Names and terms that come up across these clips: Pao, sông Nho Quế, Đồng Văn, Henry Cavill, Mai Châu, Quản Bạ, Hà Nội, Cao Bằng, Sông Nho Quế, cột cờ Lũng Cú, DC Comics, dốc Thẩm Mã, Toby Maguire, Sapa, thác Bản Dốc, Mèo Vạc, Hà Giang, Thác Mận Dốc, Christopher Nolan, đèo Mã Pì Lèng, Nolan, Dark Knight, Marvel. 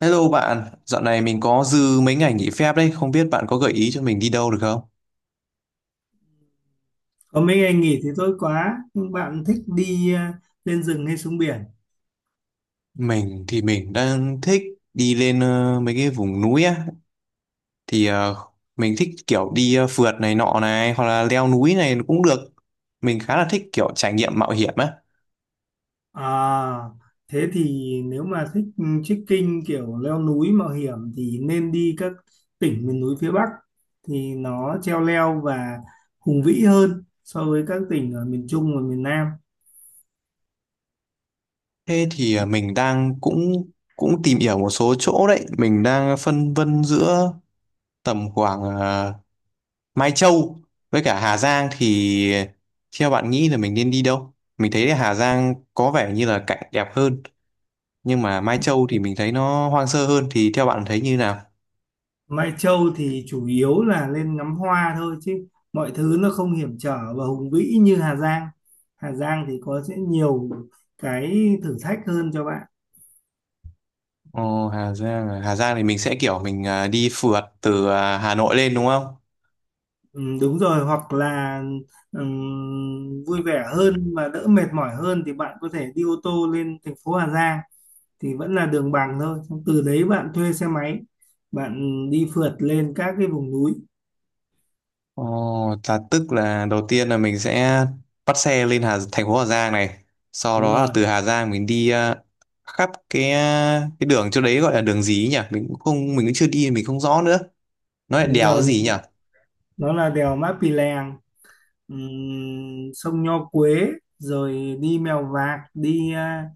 Hello bạn, dạo này mình có dư mấy ngày nghỉ phép đấy, không biết bạn có gợi ý cho mình đi đâu được không? Có mấy ngày nghỉ thì tốt quá. Nhưng bạn thích đi lên rừng hay xuống biển? Mình đang thích đi lên mấy cái vùng núi á, thì mình thích kiểu đi phượt này nọ này, hoặc là leo núi này cũng được. Mình khá là thích kiểu trải nghiệm mạo hiểm á. À, Thế thì nếu mà thích trekking kiểu leo núi mạo hiểm thì nên đi các tỉnh miền núi phía Bắc, thì nó treo leo và hùng vĩ hơn so với các tỉnh ở miền Trung và miền Nam. Thế thì mình đang cũng cũng tìm hiểu một số chỗ đấy, mình đang phân vân giữa tầm khoảng Mai Châu với cả Hà Giang thì theo bạn nghĩ là mình nên đi đâu? Mình thấy là Hà Giang có vẻ như là cảnh đẹp hơn nhưng mà Mai Châu thì mình thấy nó hoang sơ hơn thì theo bạn thấy như nào? Mai Châu thì chủ yếu là lên ngắm hoa thôi, chứ mọi thứ nó không hiểm trở và hùng vĩ như Hà Giang. Hà Giang thì có sẽ nhiều cái thử thách hơn cho bạn. Ờ, Hà Giang à? Hà Giang thì mình sẽ kiểu mình đi phượt từ Hà Nội lên đúng không? Ừ, đúng rồi, hoặc là vui vẻ hơn và đỡ mệt mỏi hơn thì bạn có thể đi ô tô lên thành phố Hà Giang, thì vẫn là đường bằng thôi. Xong từ đấy bạn thuê xe máy, bạn đi phượt lên các cái vùng núi. Ờ, là tức là đầu tiên là mình sẽ bắt xe lên thành phố Hà Giang này, sau Đúng đó là rồi, từ Hà Giang mình đi khắp cái đường chỗ đấy gọi là đường gì ấy nhỉ? Mình cũng chưa đi mình không rõ nữa. Nó là đúng đèo rồi, gì nhỉ? nó là đèo Mã Pì Lèng, sông Nho Quế, rồi đi Mèo Vạc, đi à,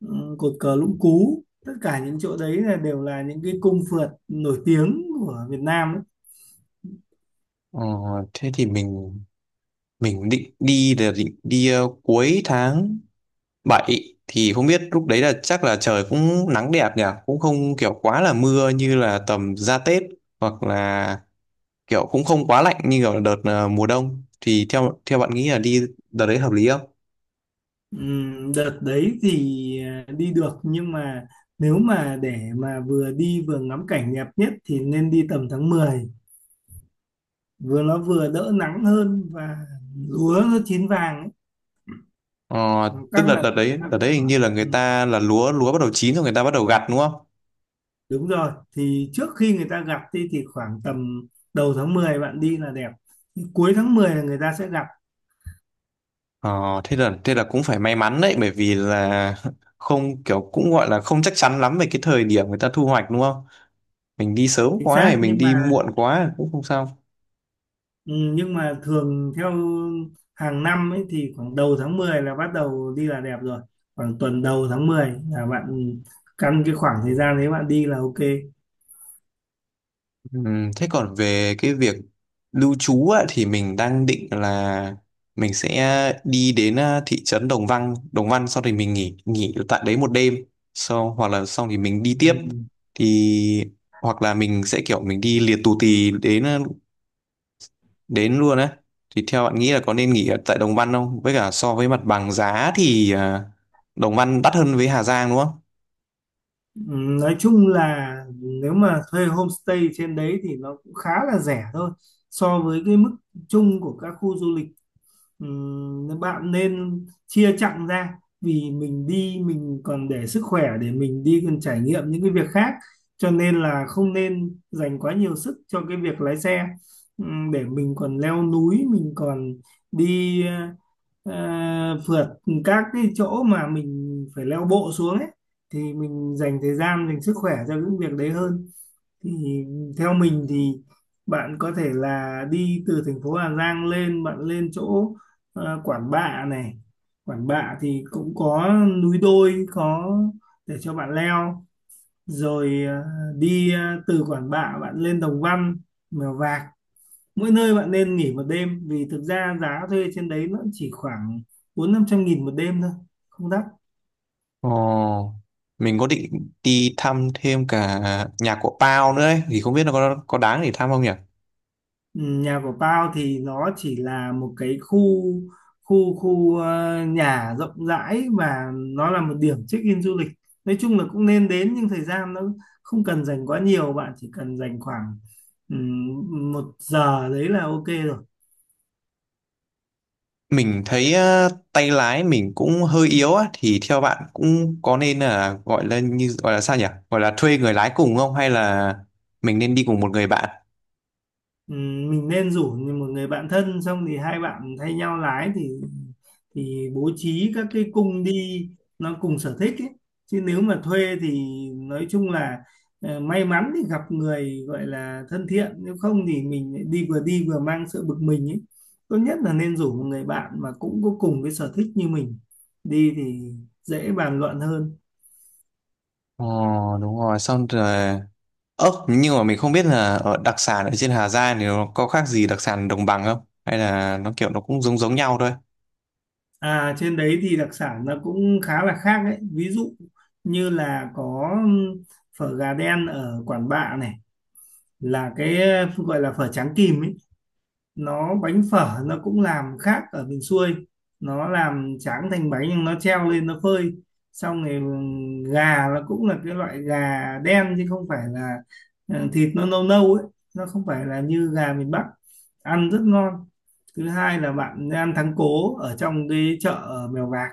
ừm, cột cờ Lũng Cú. Tất cả những chỗ đấy là đều là những cái cung phượt nổi tiếng của Việt Nam đấy. Ờ, thế thì mình định đi cuối tháng 7 thì không biết lúc đấy là chắc là trời cũng nắng đẹp nhỉ cũng không kiểu quá là mưa như là tầm ra Tết hoặc là kiểu cũng không quá lạnh như kiểu đợt mùa đông thì theo theo bạn nghĩ là đi đợt đấy hợp lý không? Đợt đấy thì đi được, nhưng mà nếu mà để mà vừa đi vừa ngắm cảnh đẹp nhất thì nên đi tầm tháng 10, vừa nó vừa đỡ nắng hơn và lúa nó chín vàng ấy. Ờ, tức Các là loại đợt đấy hoa đợt đấy cũng hình khoảng... như là người Ừ, ta là lúa lúa bắt đầu chín rồi người ta bắt đầu gặt đúng không? đúng rồi, thì trước khi người ta gặt đi thì khoảng tầm đầu tháng 10 bạn đi là đẹp. Thì cuối tháng 10 là người ta sẽ gặt. Ờ, thế là cũng phải may mắn đấy bởi vì là không kiểu cũng gọi là không chắc chắn lắm về cái thời điểm người ta thu hoạch đúng không? Mình đi sớm Chính quá hay xác, mình nhưng mà... đi muộn quá cũng không sao. Ừ, nhưng mà thường theo hàng năm ấy thì khoảng đầu tháng 10 là bắt đầu đi là đẹp rồi. Khoảng tuần đầu tháng 10 là bạn căn cái khoảng thời gian đấy bạn đi là ok. Thế còn về cái việc lưu trú á, thì mình đang định là mình sẽ đi đến thị trấn Đồng Văn, Đồng Văn sau thì mình nghỉ nghỉ tại đấy một đêm. Sau hoặc là xong thì mình đi tiếp Ừ. thì hoặc là mình sẽ kiểu mình đi liệt tù tì đến luôn á thì theo bạn nghĩ là có nên nghỉ ở tại Đồng Văn không? Với cả so với mặt bằng giá thì Đồng Văn đắt hơn với Hà Giang đúng không? Ừ, nói chung là nếu mà thuê homestay trên đấy thì nó cũng khá là rẻ thôi, so với cái mức chung của các khu du lịch. Bạn nên chia chặng ra, vì mình đi mình còn để sức khỏe để mình đi còn trải nghiệm những cái việc khác, cho nên là không nên dành quá nhiều sức cho cái việc lái xe. Để mình còn leo núi, mình còn đi ờ, phượt các cái chỗ mà mình phải leo bộ xuống ấy, thì mình dành thời gian dành sức khỏe cho những việc đấy hơn. Thì theo mình thì bạn có thể là đi từ thành phố Hà Giang lên, bạn lên chỗ Quản Bạ này. Quản Bạ thì cũng có núi đôi có để cho bạn leo, rồi đi ờ, từ Quản Bạ bạn lên Đồng Văn, Mèo Vạc. Mỗi nơi bạn nên nghỉ một đêm, vì thực ra giá thuê trên đấy nó chỉ khoảng 400-500 nghìn một đêm thôi, không đắt. Ồ, mình có định đi thăm thêm cả nhà của Pao nữa ấy, thì không biết nó có đáng để thăm không nhỉ? Ừ, nhà của tao thì nó chỉ là một cái khu khu khu ờ, nhà rộng rãi và nó là một điểm check-in du lịch. Nói chung là cũng nên đến, nhưng thời gian nó không cần dành quá nhiều, bạn chỉ cần dành khoảng một giờ đấy là ok rồi. Mình thấy tay lái mình cũng hơi yếu á thì theo bạn cũng có nên là gọi là như gọi là sao nhỉ? Gọi là thuê người lái cùng không hay là mình nên đi cùng một người bạn? Ừ, mình nên rủ một người bạn thân, xong thì hai bạn thay nhau lái, thì bố trí các cái cung đi nó cùng sở thích ấy. Chứ nếu mà thuê thì nói chung là may mắn thì gặp người gọi là thân thiện, nếu không thì mình lại đi vừa mang sự bực mình ấy. Tốt nhất là nên rủ một người bạn mà cũng có cùng cái sở thích như mình đi, thì dễ bàn luận hơn. Ồ, đúng rồi, xong rồi. Ơ, nhưng mà mình không biết là ở đặc sản ở trên Hà Giang thì nó có khác gì đặc sản đồng bằng không? Hay là nó kiểu nó cũng giống giống nhau thôi? À, trên đấy thì đặc sản nó cũng khá là khác đấy. Ví dụ như là có phở gà đen ở Quản Bạ này, là cái gọi là phở tráng kìm ấy. Nó bánh phở nó cũng làm khác ở miền xuôi. Nó làm tráng thành bánh nhưng nó treo lên nó phơi. Xong rồi gà nó cũng là cái loại gà đen chứ không phải là thịt nó nâu nâu ấy. Nó không phải là như gà miền Bắc. Ăn rất ngon. Thứ hai là bạn ăn thắng cố ở trong cái chợ ở Mèo Vạc,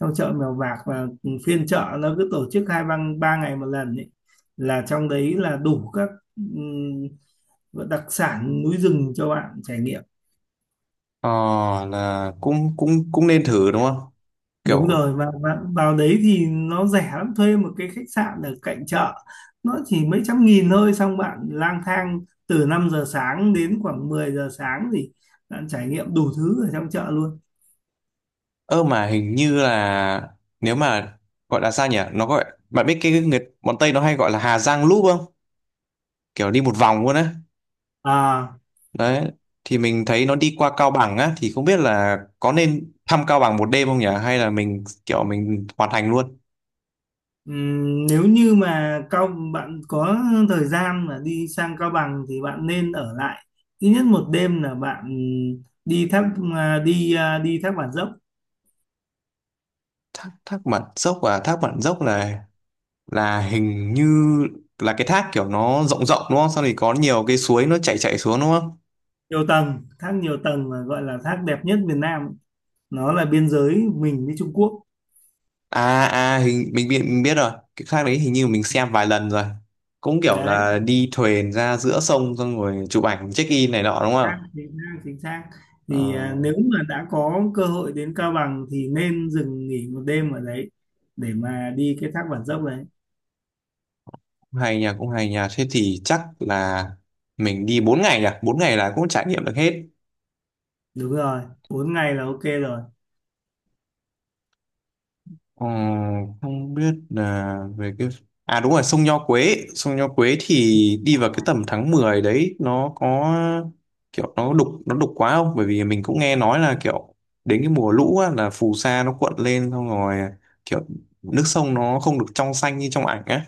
trong chợ Mèo Vạc, và phiên chợ nó cứ tổ chức hai ba ba ngày một lần ấy, là trong đấy là đủ các đặc sản núi rừng cho bạn trải nghiệm. Ờ, là cũng cũng cũng nên thử đúng không? Đúng Kiểu, rồi, và vào đấy thì nó rẻ lắm, thuê một cái khách sạn ở cạnh chợ nó chỉ mấy trăm nghìn thôi, xong bạn lang thang từ 5 giờ sáng đến khoảng 10 giờ sáng thì bạn trải nghiệm đủ thứ ở trong chợ luôn. ơ mà hình như là nếu mà gọi là sao nhỉ? Nó gọi, bạn biết cái người bọn Tây nó hay gọi là Hà Giang Loop không? Kiểu đi một vòng luôn á. À. Đấy, thì mình thấy nó đi qua Cao Bằng á, thì không biết là có nên thăm Cao Bằng một đêm không nhỉ? Hay là mình kiểu mình hoàn thành luôn? Nếu như mà bạn có thời gian mà đi sang Cao Bằng thì bạn nên ở lại ít nhất một đêm, là bạn đi thác à, đi thác Bản Dốc, Thác Mận Dốc à? Thác Mận Dốc là hình như là cái thác kiểu nó rộng rộng đúng không? Sau thì có nhiều cái suối nó chảy chảy xuống đúng không? nhiều tầng thác, nhiều tầng mà gọi là thác đẹp nhất Việt Nam, nó là biên giới mình với Trung Quốc. À à hình mình biết rồi. Cái thác đấy hình như mình xem vài lần rồi. Cũng kiểu Đấy, là đi thuyền ra giữa sông xong rồi chụp ảnh check in này nọ đúng chính không? xác, chính xác, chính xác. Thì Ờ, nếu mà đã có cơ hội đến Cao Bằng thì nên dừng nghỉ một đêm ở đấy, để mà đi cái thác Bản Dốc đấy. cũng hay nha, cũng hay nha. Thế thì chắc là mình đi 4 ngày nhỉ? 4 ngày là cũng trải nghiệm được hết. Đúng rồi, 4 ngày là ok rồi. Ờ, không biết là về cái à đúng rồi sông Nho Quế thì đi vào cái tầm tháng 10 đấy nó có kiểu nó đục quá không, bởi vì mình cũng nghe nói là kiểu đến cái mùa lũ á, là phù sa nó cuộn lên xong rồi kiểu nước sông nó không được trong xanh như trong ảnh á.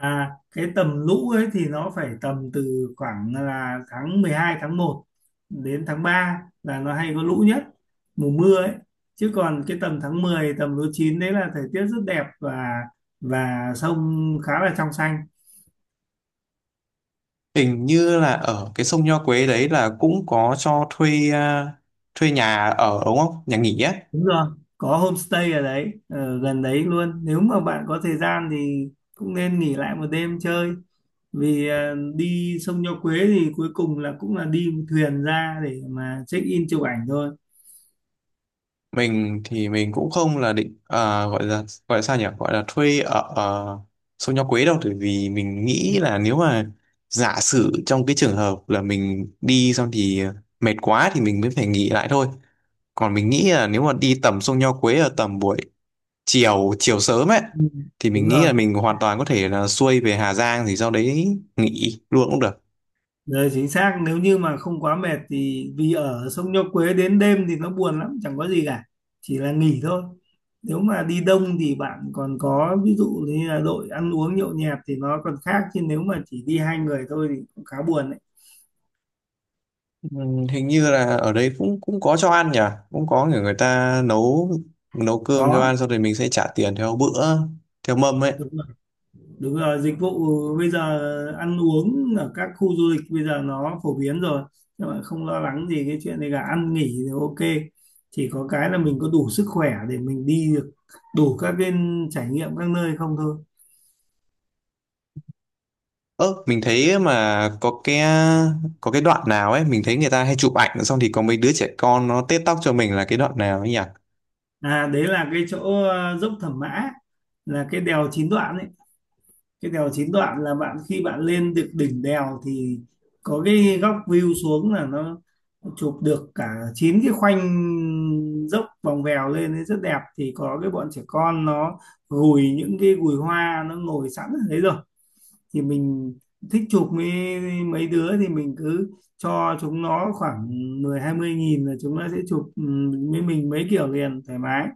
À, cái tầm lũ ấy thì nó phải tầm từ khoảng là tháng 12, tháng 1 đến tháng 3 là nó hay có lũ nhất, mùa mưa ấy. Chứ còn cái tầm tháng 10 tầm lúa chín đấy là thời tiết rất đẹp, và sông khá là trong xanh. Hình như là ở cái sông Nho Quế đấy là cũng có cho thuê à, thuê nhà ở đúng không, nhà nghỉ á. Đúng rồi, có homestay ở đấy, ở gần đấy luôn. Nếu mà bạn có thời gian thì cũng nên nghỉ lại một đêm chơi. Vì đi sông Nho Quế thì cuối cùng là cũng là đi thuyền ra để mà check in chụp ảnh thôi. Mình cũng không là định à, gọi là sao nhỉ gọi là thuê ở uh, Sông Nho Quế đâu bởi vì mình nghĩ là nếu mà giả sử trong cái trường hợp là mình đi xong thì mệt quá thì mình mới phải nghỉ lại thôi, còn mình nghĩ là nếu mà đi tầm Sông Nho Quế ở tầm buổi chiều chiều sớm ấy Ừ. thì mình Đúng nghĩ rồi. là mình hoàn toàn có thể là xuôi về Hà Giang thì sau đấy nghỉ luôn cũng được. Đấy, chính xác, nếu như mà không quá mệt thì vì ở sông Nho Quế đến đêm thì nó buồn lắm, chẳng có gì cả, chỉ là nghỉ thôi. Nếu mà đi đông thì bạn còn có ví dụ như là đội ăn uống nhậu nhẹt thì nó còn khác, chứ nếu mà chỉ đi hai người thôi thì cũng khá buồn đấy. Ừ, hình như là ở đấy cũng cũng có cho ăn nhỉ, cũng có người người ta nấu nấu Có. cơm cho ăn xong rồi mình sẽ trả tiền theo bữa theo mâm ấy. Đúng rồi, dịch vụ bây giờ ăn uống ở các khu du lịch bây giờ nó phổ biến rồi. Nhưng mà không lo lắng gì cái chuyện này cả, ăn nghỉ thì ok. Chỉ có cái là mình có đủ sức khỏe để mình đi được đủ các cái trải nghiệm các nơi không thôi. Ơ mình thấy mà có cái đoạn nào ấy mình thấy người ta hay chụp ảnh xong thì có mấy đứa trẻ con nó tết tóc cho mình là cái đoạn nào ấy nhỉ. À, đấy là cái chỗ dốc Thẩm Mã, là cái đèo chín đoạn ấy. Cái đèo chín đoạn là bạn khi bạn lên được đỉnh đèo thì có cái góc view xuống là nó chụp được cả chín cái khoanh dốc vòng vèo lên ấy rất đẹp. Thì có cái bọn trẻ con nó gùi những cái gùi hoa nó ngồi sẵn ở đấy rồi, thì mình thích chụp mấy mấy đứa thì mình cứ cho chúng nó khoảng 10-20 nghìn là chúng nó sẽ chụp với mình mấy kiểu liền thoải mái.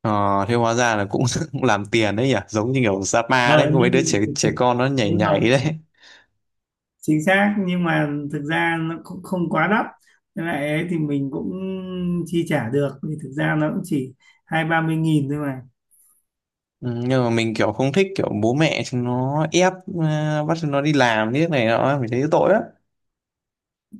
Ờ thế hóa ra là cũng làm tiền đấy nhỉ giống như kiểu Sapa đấy Ờ, có mấy đứa trẻ nhưng trẻ con nó nhảy nhảy đấy. chính xác, nhưng mà thực ra nó cũng không quá đắt. Với lại ấy thì mình cũng chi trả được, vì thực ra nó cũng chỉ 20-30 nghìn thôi mà Ừ, nhưng mà mình kiểu không thích kiểu bố mẹ chúng nó ép bắt chúng nó đi làm như này nọ mình thấy tội lắm.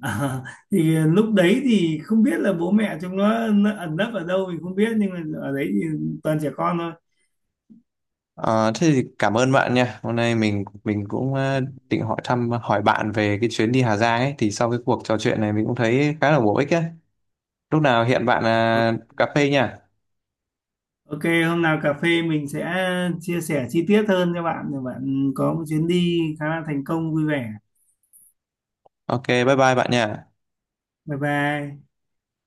Ờ, thì lúc đấy thì không biết là bố mẹ chúng nó ẩn nấp ở đâu mình không biết, nhưng mà ở đấy thì toàn trẻ con thôi. Ờ, thế thì cảm ơn bạn nha. Hôm nay mình cũng định hỏi bạn về cái chuyến đi Hà Giang ấy thì sau cái cuộc trò chuyện này mình cũng thấy khá là bổ ích ấy. Lúc nào hẹn bạn Ờ, cà phê nha. ok, hôm nào cà phê mình sẽ chia sẻ chi tiết hơn cho bạn để bạn có một chuyến đi khá là thành công vui vẻ. Ok, bye bye bạn nha. Bye bye.